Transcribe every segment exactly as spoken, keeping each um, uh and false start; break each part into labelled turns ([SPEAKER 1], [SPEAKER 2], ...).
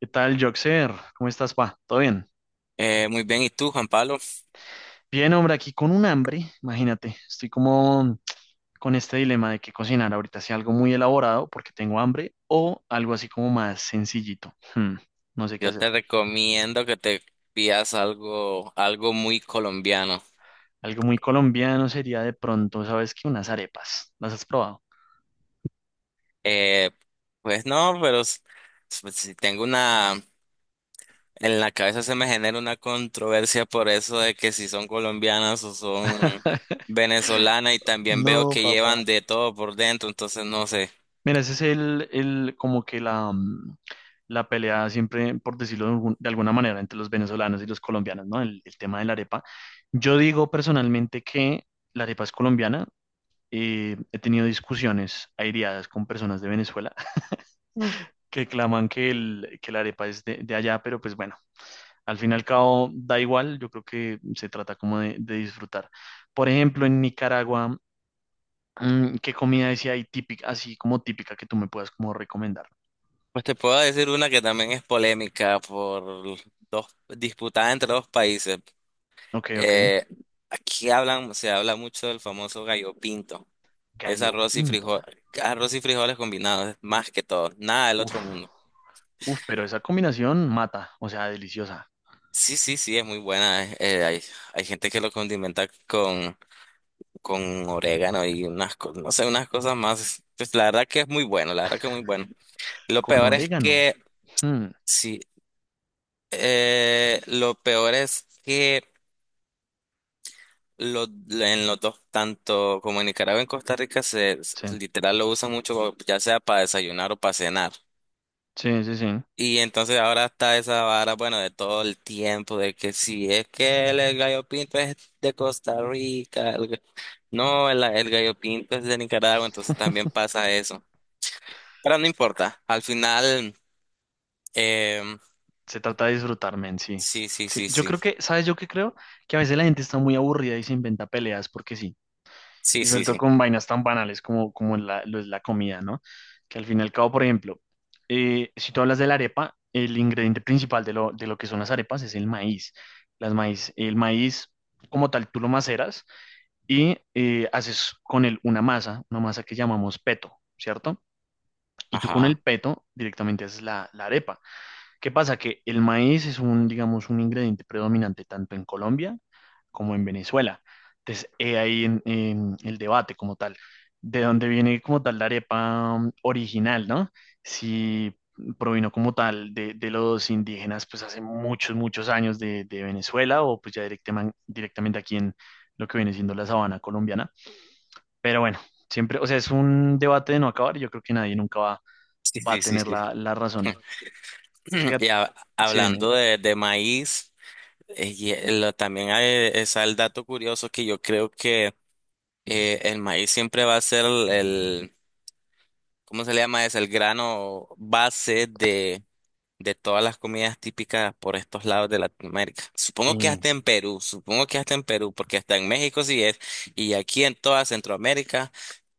[SPEAKER 1] ¿Qué tal, Joxer? ¿Cómo estás, pa? ¿Todo bien?
[SPEAKER 2] Eh, muy bien, ¿y tú, Juan Pablo?
[SPEAKER 1] Bien, hombre, aquí con un hambre, imagínate, estoy como con este dilema de qué cocinar ahorita, si algo muy elaborado porque tengo hambre o algo así como más sencillito. Hmm, no sé qué
[SPEAKER 2] Yo
[SPEAKER 1] hacer.
[SPEAKER 2] te recomiendo que te pidas algo, algo muy colombiano.
[SPEAKER 1] Algo muy colombiano sería de pronto, ¿sabes qué? Unas arepas. ¿Las has probado?
[SPEAKER 2] Eh, pues no, pero s- s- si tengo una, en la cabeza se me genera una controversia por eso de que si son colombianas o son venezolanas, y también veo
[SPEAKER 1] No,
[SPEAKER 2] que llevan
[SPEAKER 1] papá.
[SPEAKER 2] de todo por dentro, entonces no sé.
[SPEAKER 1] Mira, ese es el, el como que la, mm, la pelea siempre, por decirlo de, algún- de alguna manera, entre los venezolanos y los colombianos, ¿no? El, el tema de la arepa. Yo digo personalmente que la arepa es colombiana. Eh, he tenido discusiones aireadas con personas de Venezuela que claman que, el, que la arepa es de, de allá, pero pues bueno, al fin y al cabo da igual, yo creo que se trata como de, de disfrutar. Por ejemplo, en Nicaragua, mm, ¿qué comida decía ahí típica, así como típica que tú me puedas como recomendar?
[SPEAKER 2] Pues te puedo decir una que también es polémica por dos, disputada entre dos países.
[SPEAKER 1] Ok, ok.
[SPEAKER 2] Eh, Aquí hablan, se habla mucho del famoso gallo pinto. Es
[SPEAKER 1] Gallo
[SPEAKER 2] arroz y
[SPEAKER 1] pinto.
[SPEAKER 2] frijol, arroz y frijoles combinados, más que todo, nada del
[SPEAKER 1] Uf,
[SPEAKER 2] otro mundo.
[SPEAKER 1] uf, pero esa combinación mata, o sea, deliciosa.
[SPEAKER 2] Sí, sí, sí, es muy buena. eh, eh, hay, hay gente que lo condimenta con, con orégano y unas, co- no sé, unas cosas más. Pues la verdad que es muy bueno, la verdad que es muy bueno. Lo
[SPEAKER 1] Con
[SPEAKER 2] peor es
[SPEAKER 1] orégano.
[SPEAKER 2] que,
[SPEAKER 1] Hmm,
[SPEAKER 2] sí, eh, lo peor es que Los, en los dos, tanto como en Nicaragua, en Costa Rica, se s-
[SPEAKER 1] sí,
[SPEAKER 2] literal lo usan mucho, ya sea para desayunar o para cenar.
[SPEAKER 1] sí, sí, sí.
[SPEAKER 2] Y entonces ahora está esa vara, bueno, de todo el tiempo, de que si es que el, el gallo pinto es de Costa Rica, el ga- no, el, el gallo pinto es de Nicaragua, entonces también pasa eso. Pero no importa, al final, em,
[SPEAKER 1] Se trata de disfrutar, men, sí.
[SPEAKER 2] sí, sí,
[SPEAKER 1] Sí,
[SPEAKER 2] sí,
[SPEAKER 1] yo
[SPEAKER 2] sí,
[SPEAKER 1] creo que, ¿sabes yo qué creo? Que a veces la gente está muy aburrida y se inventa peleas porque sí.
[SPEAKER 2] sí,
[SPEAKER 1] Y sobre
[SPEAKER 2] sí,
[SPEAKER 1] todo
[SPEAKER 2] sí,
[SPEAKER 1] con vainas tan banales como, como la, lo es la comida, ¿no? Que al fin y al cabo, por ejemplo, eh, si tú hablas de la arepa, el ingrediente principal de lo, de lo que son las arepas es el maíz. Las maíz, el maíz, como tal, tú lo maceras y eh, haces con él una masa, una masa que llamamos peto, ¿cierto? Y tú con
[SPEAKER 2] ajá,
[SPEAKER 1] el peto directamente haces la, la arepa. ¿Qué pasa? Que el maíz es un, digamos, un ingrediente predominante tanto en Colombia como en Venezuela. Entonces, he ahí en, en el debate como tal, de dónde viene como tal la arepa mm, original, ¿no? Si provino como tal de, de los indígenas, pues hace muchos, muchos años de, de Venezuela o pues ya directamente, directamente aquí en lo que viene siendo la sabana colombiana, pero bueno, siempre, o sea, es un debate de no acabar y yo creo que nadie nunca va,
[SPEAKER 2] sí,
[SPEAKER 1] va a
[SPEAKER 2] sí, sí,
[SPEAKER 1] tener
[SPEAKER 2] sí.
[SPEAKER 1] la, la razón. Fíjate,
[SPEAKER 2] Y ha-
[SPEAKER 1] sí, dime.
[SPEAKER 2] hablando de, de maíz. Eh, Y eh, lo- también hay, está el dato curioso que yo creo que eh, el maíz siempre va a ser el, el- ¿cómo se le llama? Es el grano base de, de todas las comidas típicas por estos lados de Latinoamérica. Supongo que
[SPEAKER 1] Sí.
[SPEAKER 2] hasta en Perú, supongo que hasta en Perú, porque hasta en México sí es, y aquí en toda Centroamérica,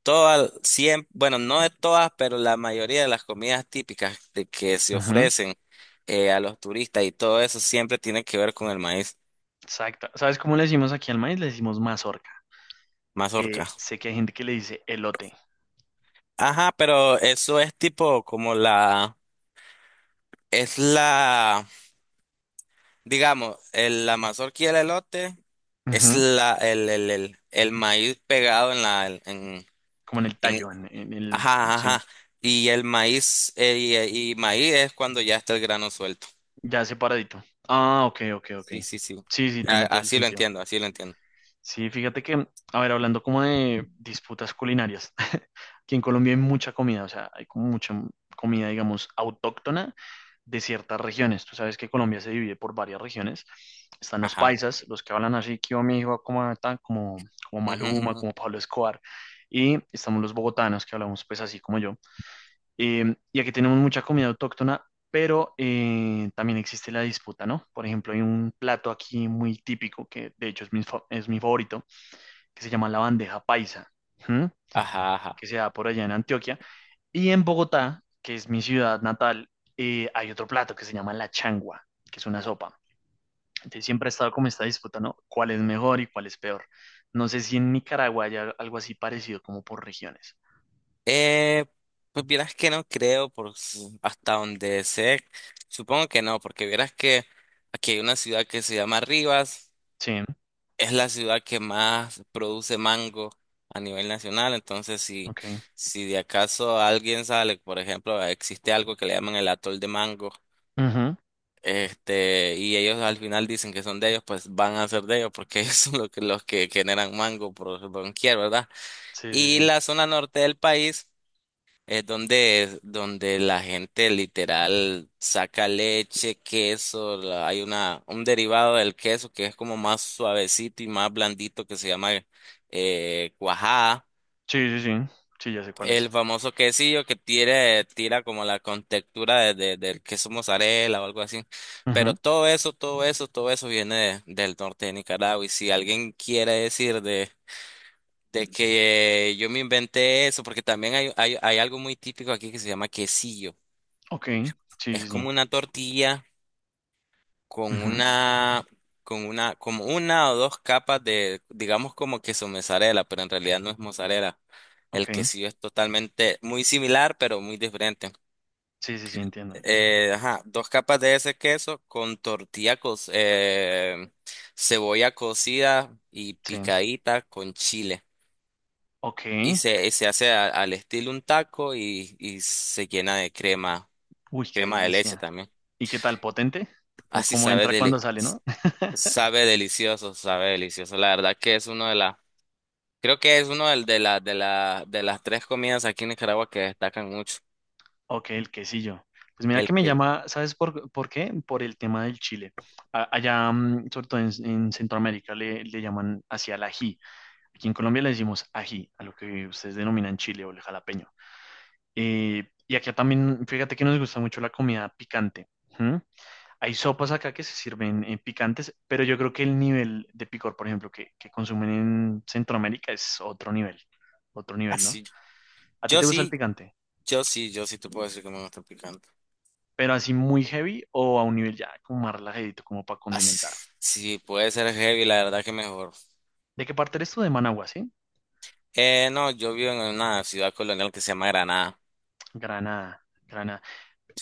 [SPEAKER 2] todas, siempre, bueno, no de todas, pero la mayoría de las comidas típicas de que se
[SPEAKER 1] Ujú.
[SPEAKER 2] ofrecen eh, a los turistas y todo eso siempre tiene que ver con el maíz.
[SPEAKER 1] Exacto. ¿Sabes cómo le decimos aquí al maíz? Le decimos mazorca.
[SPEAKER 2] Mazorca.
[SPEAKER 1] Eh, sé que hay gente que le dice elote,
[SPEAKER 2] Ajá, pero eso es tipo como la, es la, digamos, el, la mazorca, y el elote es
[SPEAKER 1] ujú,
[SPEAKER 2] la, el, el, el, el maíz pegado en la, en,
[SPEAKER 1] como en el
[SPEAKER 2] en-
[SPEAKER 1] tallo, en, en el,
[SPEAKER 2] ajá, ajá,
[SPEAKER 1] sí,
[SPEAKER 2] ajá. Y el maíz, eh, y, eh, y maíz es cuando ya está el grano suelto.
[SPEAKER 1] ya separadito. Ah, ok, ok, ok.
[SPEAKER 2] Sí, sí, sí.
[SPEAKER 1] Sí, sí,
[SPEAKER 2] A-
[SPEAKER 1] tiene todo el
[SPEAKER 2] así lo
[SPEAKER 1] sentido.
[SPEAKER 2] entiendo, así lo entiendo.
[SPEAKER 1] Sí, fíjate que, a ver, hablando como de disputas culinarias, aquí en Colombia hay mucha comida, o sea, hay como mucha comida, digamos, autóctona de ciertas regiones. Tú sabes que Colombia se divide por varias regiones. Están los
[SPEAKER 2] Ajá.
[SPEAKER 1] paisas, los que hablan así, que yo me digo como, tan- como, como
[SPEAKER 2] Ujú, ujú,
[SPEAKER 1] Maluma, como
[SPEAKER 2] ujú.
[SPEAKER 1] Pablo Escobar. Y estamos los bogotanos, que hablamos pues así como yo. Eh, y aquí tenemos mucha comida autóctona, pero eh, también existe la disputa, ¿no? Por ejemplo, hay un plato aquí muy típico, que de hecho es mi, fa- es mi favorito, que se llama la bandeja paisa, ¿m?,
[SPEAKER 2] Ajá,
[SPEAKER 1] que
[SPEAKER 2] ajá.
[SPEAKER 1] se da por allá en Antioquia. Y en Bogotá, que es mi ciudad natal, eh, hay otro plato que se llama la changua, que es una sopa. Entonces siempre ha estado como esta disputa, ¿no? ¿Cuál es mejor y cuál es peor? No sé si en Nicaragua hay algo así parecido como por regiones.
[SPEAKER 2] Eh, pues vieras que no creo, por su- hasta donde sé, supongo que no, porque vieras que aquí hay una ciudad que se llama Rivas,
[SPEAKER 1] Sí,
[SPEAKER 2] es la ciudad que más produce mango a nivel nacional, entonces si,
[SPEAKER 1] ok.
[SPEAKER 2] si de acaso alguien sale, por ejemplo, existe algo que le llaman el atol de mango,
[SPEAKER 1] Ujú.
[SPEAKER 2] este, y ellos al final dicen que son de ellos, pues van a ser de ellos, porque ellos son los que, los que generan mango por doquier, ¿verdad?
[SPEAKER 1] Sí, sí,
[SPEAKER 2] Y
[SPEAKER 1] sí.
[SPEAKER 2] la zona norte del país. Es donde, donde la gente literal saca leche, queso, la- hay una, un derivado del queso que es como más suavecito y más blandito que se llama eh, cuajada.
[SPEAKER 1] Sí, sí, sí. Sí, ya sé cuál
[SPEAKER 2] El
[SPEAKER 1] es.
[SPEAKER 2] famoso quesillo que tira, tira como la contextura de, de- del queso mozzarella o algo así. Pero
[SPEAKER 1] Ujú.
[SPEAKER 2] todo eso, todo eso, todo eso viene de- del norte de Nicaragua. Y si alguien quiere decir de, de que yo me inventé eso, porque también hay, hay, hay algo muy típico aquí que se llama quesillo.
[SPEAKER 1] Ok. Sí, sí,
[SPEAKER 2] Es como
[SPEAKER 1] sí.
[SPEAKER 2] una tortilla con
[SPEAKER 1] Ujú.
[SPEAKER 2] una, con una, como una o dos capas de, digamos como queso mozzarella, pero en realidad no es mozzarella.
[SPEAKER 1] Ok.
[SPEAKER 2] El quesillo es totalmente muy similar, pero muy diferente.
[SPEAKER 1] Sí, sí, sí, entiendo.
[SPEAKER 2] Eh, ajá, dos capas de ese queso con tortilla, co- eh, cebolla cocida y
[SPEAKER 1] Sí.
[SPEAKER 2] picadita con chile. Y
[SPEAKER 1] Ok.
[SPEAKER 2] se, y se hace a- al estilo un taco, y, y se llena de crema,
[SPEAKER 1] Uy, qué
[SPEAKER 2] crema de leche
[SPEAKER 1] delicia.
[SPEAKER 2] también.
[SPEAKER 1] ¿Y qué tal? ¿Potente? ¿Cómo,
[SPEAKER 2] Así
[SPEAKER 1] cómo
[SPEAKER 2] sabe,
[SPEAKER 1] entra cuando
[SPEAKER 2] deli-
[SPEAKER 1] sale, no?
[SPEAKER 2] Sabe delicioso, sabe delicioso. La verdad que es uno de las, creo que es uno del- de la, de la, de las tres comidas aquí en Nicaragua que destacan mucho.
[SPEAKER 1] Ok, el quesillo. Pues mira
[SPEAKER 2] El
[SPEAKER 1] que me
[SPEAKER 2] que,
[SPEAKER 1] llama, ¿sabes por, por qué? Por el tema del chile. A- allá, mm, sobre todo en, en Centroamérica, le, le llaman hacia el ají. Aquí en Colombia le decimos ají, a lo que ustedes denominan chile o el jalapeño. Eh, y acá también, fíjate que nos gusta mucho la comida picante. ¿Mm? Hay sopas acá que se sirven eh, picantes, pero yo creo que el nivel de picor, por ejemplo, que, que consumen en Centroamérica es otro nivel, otro nivel, ¿no?
[SPEAKER 2] así,
[SPEAKER 1] ¿A ti
[SPEAKER 2] yo
[SPEAKER 1] te gusta el
[SPEAKER 2] sí,
[SPEAKER 1] picante?
[SPEAKER 2] yo sí, yo sí te puedo decir que me gusta el picante.
[SPEAKER 1] Pero así muy heavy o a un nivel ya como más relajadito, como para condimentar.
[SPEAKER 2] Así, sí, puede ser heavy, la verdad que mejor.
[SPEAKER 1] ¿De qué parte eres tú? De Managua, ¿sí?
[SPEAKER 2] Eh, no, yo vivo en una ciudad colonial que se llama Granada.
[SPEAKER 1] Granada, Granada.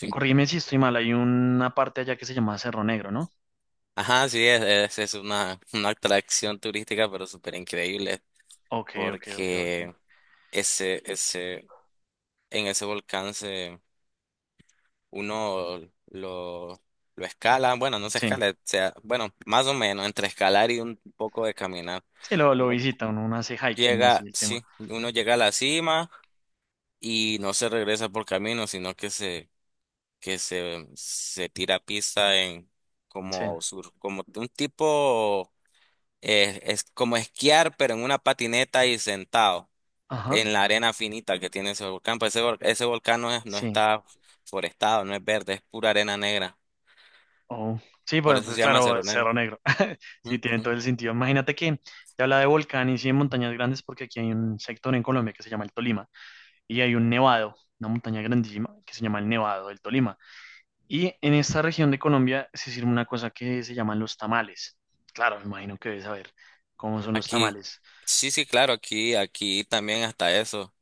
[SPEAKER 1] Eh, Corrígeme si estoy mal, hay una parte allá que se llama Cerro Negro, ¿no?
[SPEAKER 2] Ajá, sí, es, es, es una, una atracción turística, pero súper increíble,
[SPEAKER 1] Ok, ok, ok, ok.
[SPEAKER 2] porque ese, ese, en ese volcán se uno lo, lo escala, bueno, no se
[SPEAKER 1] Sí,
[SPEAKER 2] escala, o sea, bueno, más o menos entre escalar y un poco de caminar.
[SPEAKER 1] sí, lo, lo
[SPEAKER 2] Uno
[SPEAKER 1] visita, uno, uno hace hiking, así
[SPEAKER 2] llega,
[SPEAKER 1] el tema.
[SPEAKER 2] sí, uno llega a la cima y no se regresa por camino, sino que se, que se, se tira a pista en
[SPEAKER 1] Sí,
[SPEAKER 2] como sur, como un tipo, eh, es como esquiar, pero en una patineta y sentado.
[SPEAKER 1] ajá,
[SPEAKER 2] En la arena finita que tiene ese volcán, pues ese, vol- ese volcán no es- no
[SPEAKER 1] sí.
[SPEAKER 2] está forestado, no es verde, es pura arena negra.
[SPEAKER 1] Oh. Sí,
[SPEAKER 2] Por
[SPEAKER 1] pues,
[SPEAKER 2] eso
[SPEAKER 1] pues
[SPEAKER 2] se llama
[SPEAKER 1] claro,
[SPEAKER 2] Seronero.
[SPEAKER 1] Cerro Negro. Sí, tiene
[SPEAKER 2] Ujú.
[SPEAKER 1] todo el sentido. Imagínate que te habla de volcanes y de montañas grandes porque aquí hay un sector en Colombia que se llama el Tolima y hay un nevado, una montaña grandísima que se llama el Nevado del Tolima. Y en esta región de Colombia se sirve una cosa que se llaman los tamales. Claro, me imagino que debes saber cómo son los
[SPEAKER 2] Aquí,
[SPEAKER 1] tamales.
[SPEAKER 2] sí, sí, claro, aquí, aquí también hasta eso.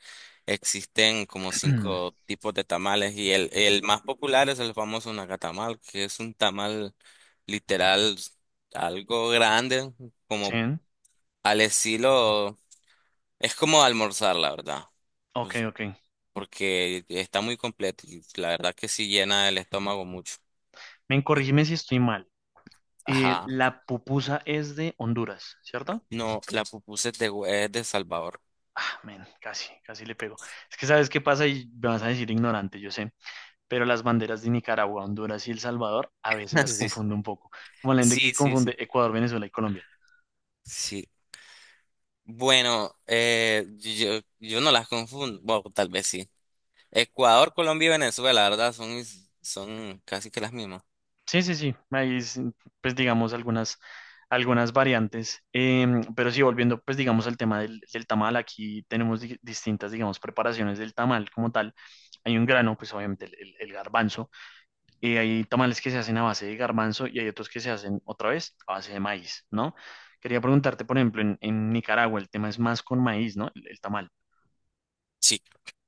[SPEAKER 2] Existen como cinco tipos de tamales, y el, el más popular es el famoso nacatamal, que es un tamal literal algo grande, como
[SPEAKER 1] ¿Sí?
[SPEAKER 2] al estilo, es como almorzar, la verdad,
[SPEAKER 1] Ok,
[SPEAKER 2] pues,
[SPEAKER 1] ok.
[SPEAKER 2] porque está muy completo y la verdad que sí llena el estómago mucho.
[SPEAKER 1] Men, corrígeme si estoy mal. Eh,
[SPEAKER 2] Ajá.
[SPEAKER 1] la pupusa es de Honduras, ¿cierto?
[SPEAKER 2] No, la pupusa es de, hue- es de Salvador.
[SPEAKER 1] Ah, men, casi, casi le pego. Es que sabes qué pasa y me vas a decir ignorante, yo sé. Pero las banderas de Nicaragua, Honduras y El Salvador a veces las
[SPEAKER 2] Sí,
[SPEAKER 1] confundo un poco. Como la gente
[SPEAKER 2] sí,
[SPEAKER 1] que
[SPEAKER 2] sí, sí.
[SPEAKER 1] confunde Ecuador, Venezuela y Colombia.
[SPEAKER 2] Sí, bueno, eh, yo, yo no las confundo, bueno, tal vez sí. Ecuador, Colombia y Venezuela, la verdad, son, mis- son casi que las mismas.
[SPEAKER 1] Sí, sí, sí, ahí es, pues digamos algunas, algunas variantes. Em, pero sí, volviendo pues digamos al tema del, del tamal, aquí tenemos di- distintas digamos preparaciones del tamal como tal, hay un grano, pues obviamente el, el- el garbanzo, y hay tamales que se hacen a base de garbanzo y hay otros que se hacen otra vez a base de maíz, ¿no? Quería preguntarte, por ejemplo, en, en Nicaragua el tema es más con maíz, ¿no? El, el tamal.
[SPEAKER 2] Sí,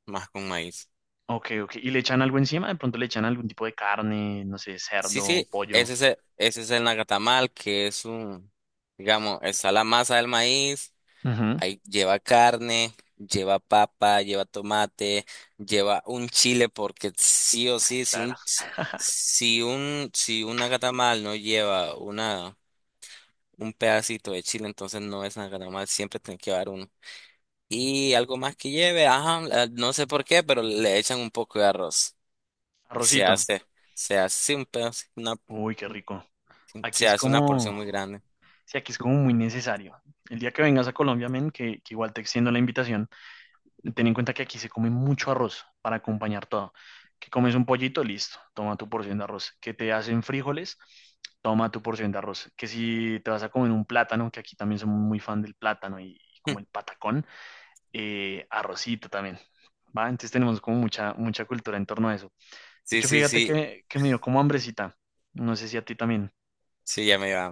[SPEAKER 2] más con maíz.
[SPEAKER 1] Ok, ok, ¿y le echan algo encima? De pronto le echan algún tipo de carne, no sé,
[SPEAKER 2] Sí,
[SPEAKER 1] cerdo,
[SPEAKER 2] sí,
[SPEAKER 1] pollo.
[SPEAKER 2] ese es el, ese es el nacatamal, que es un, digamos, está la masa del maíz,
[SPEAKER 1] Ujú,
[SPEAKER 2] ahí lleva carne, lleva papa, lleva tomate, lleva un chile, porque sí o sí, si
[SPEAKER 1] claro,
[SPEAKER 2] un, si un, si un nacatamal no lleva un pedacito de chile, entonces no es nada mal, siempre tienen que llevar uno. Y algo más que lleve, ajá, la- no sé por qué, pero le echan un poco de arroz y se
[SPEAKER 1] arrocito.
[SPEAKER 2] hace, se hace un pedazo, una,
[SPEAKER 1] Uy, qué rico. Aquí
[SPEAKER 2] se
[SPEAKER 1] es
[SPEAKER 2] hace una
[SPEAKER 1] como,
[SPEAKER 2] porción muy grande.
[SPEAKER 1] sí, aquí es como muy necesario. El día que vengas a Colombia, men, que, que igual te extiendo la invitación, ten en cuenta que aquí se come mucho arroz para acompañar todo. Que comes un pollito, listo, toma tu porción de arroz. Que te hacen frijoles, toma tu porción de arroz. Que si te vas a comer un plátano, que aquí también somos muy fan del plátano y, y como el patacón, eh, arrocito también. ¿Va? Entonces tenemos como mucha, mucha cultura en torno a eso. De
[SPEAKER 2] Sí,
[SPEAKER 1] hecho,
[SPEAKER 2] sí,
[SPEAKER 1] fíjate
[SPEAKER 2] sí,
[SPEAKER 1] que, que me dio como hambrecita. No sé si a ti también.
[SPEAKER 2] sí, ya me iba.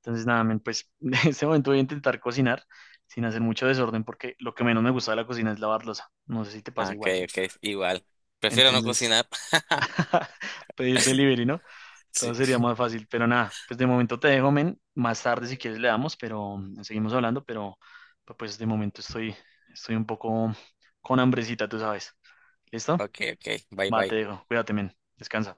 [SPEAKER 1] Entonces, nada, men, pues en este momento voy a intentar cocinar sin hacer mucho desorden porque lo que menos me gusta de la cocina es lavar loza. No sé si te
[SPEAKER 2] Ah,
[SPEAKER 1] pasa
[SPEAKER 2] ok,
[SPEAKER 1] igual.
[SPEAKER 2] ok, igual. Prefiero no
[SPEAKER 1] Entonces,
[SPEAKER 2] cocinar.
[SPEAKER 1] pedir delivery, ¿no? Todo
[SPEAKER 2] Sí.
[SPEAKER 1] sería más fácil, pero nada, pues de momento te dejo, men. Más tarde si quieres le damos, pero mm, seguimos hablando, pero pero, pues de momento estoy, estoy un poco con hambrecita, tú sabes. ¿Listo?
[SPEAKER 2] Ok, ok, bye
[SPEAKER 1] Va,
[SPEAKER 2] bye.
[SPEAKER 1] te dejo. Cuídate, men. Descansa.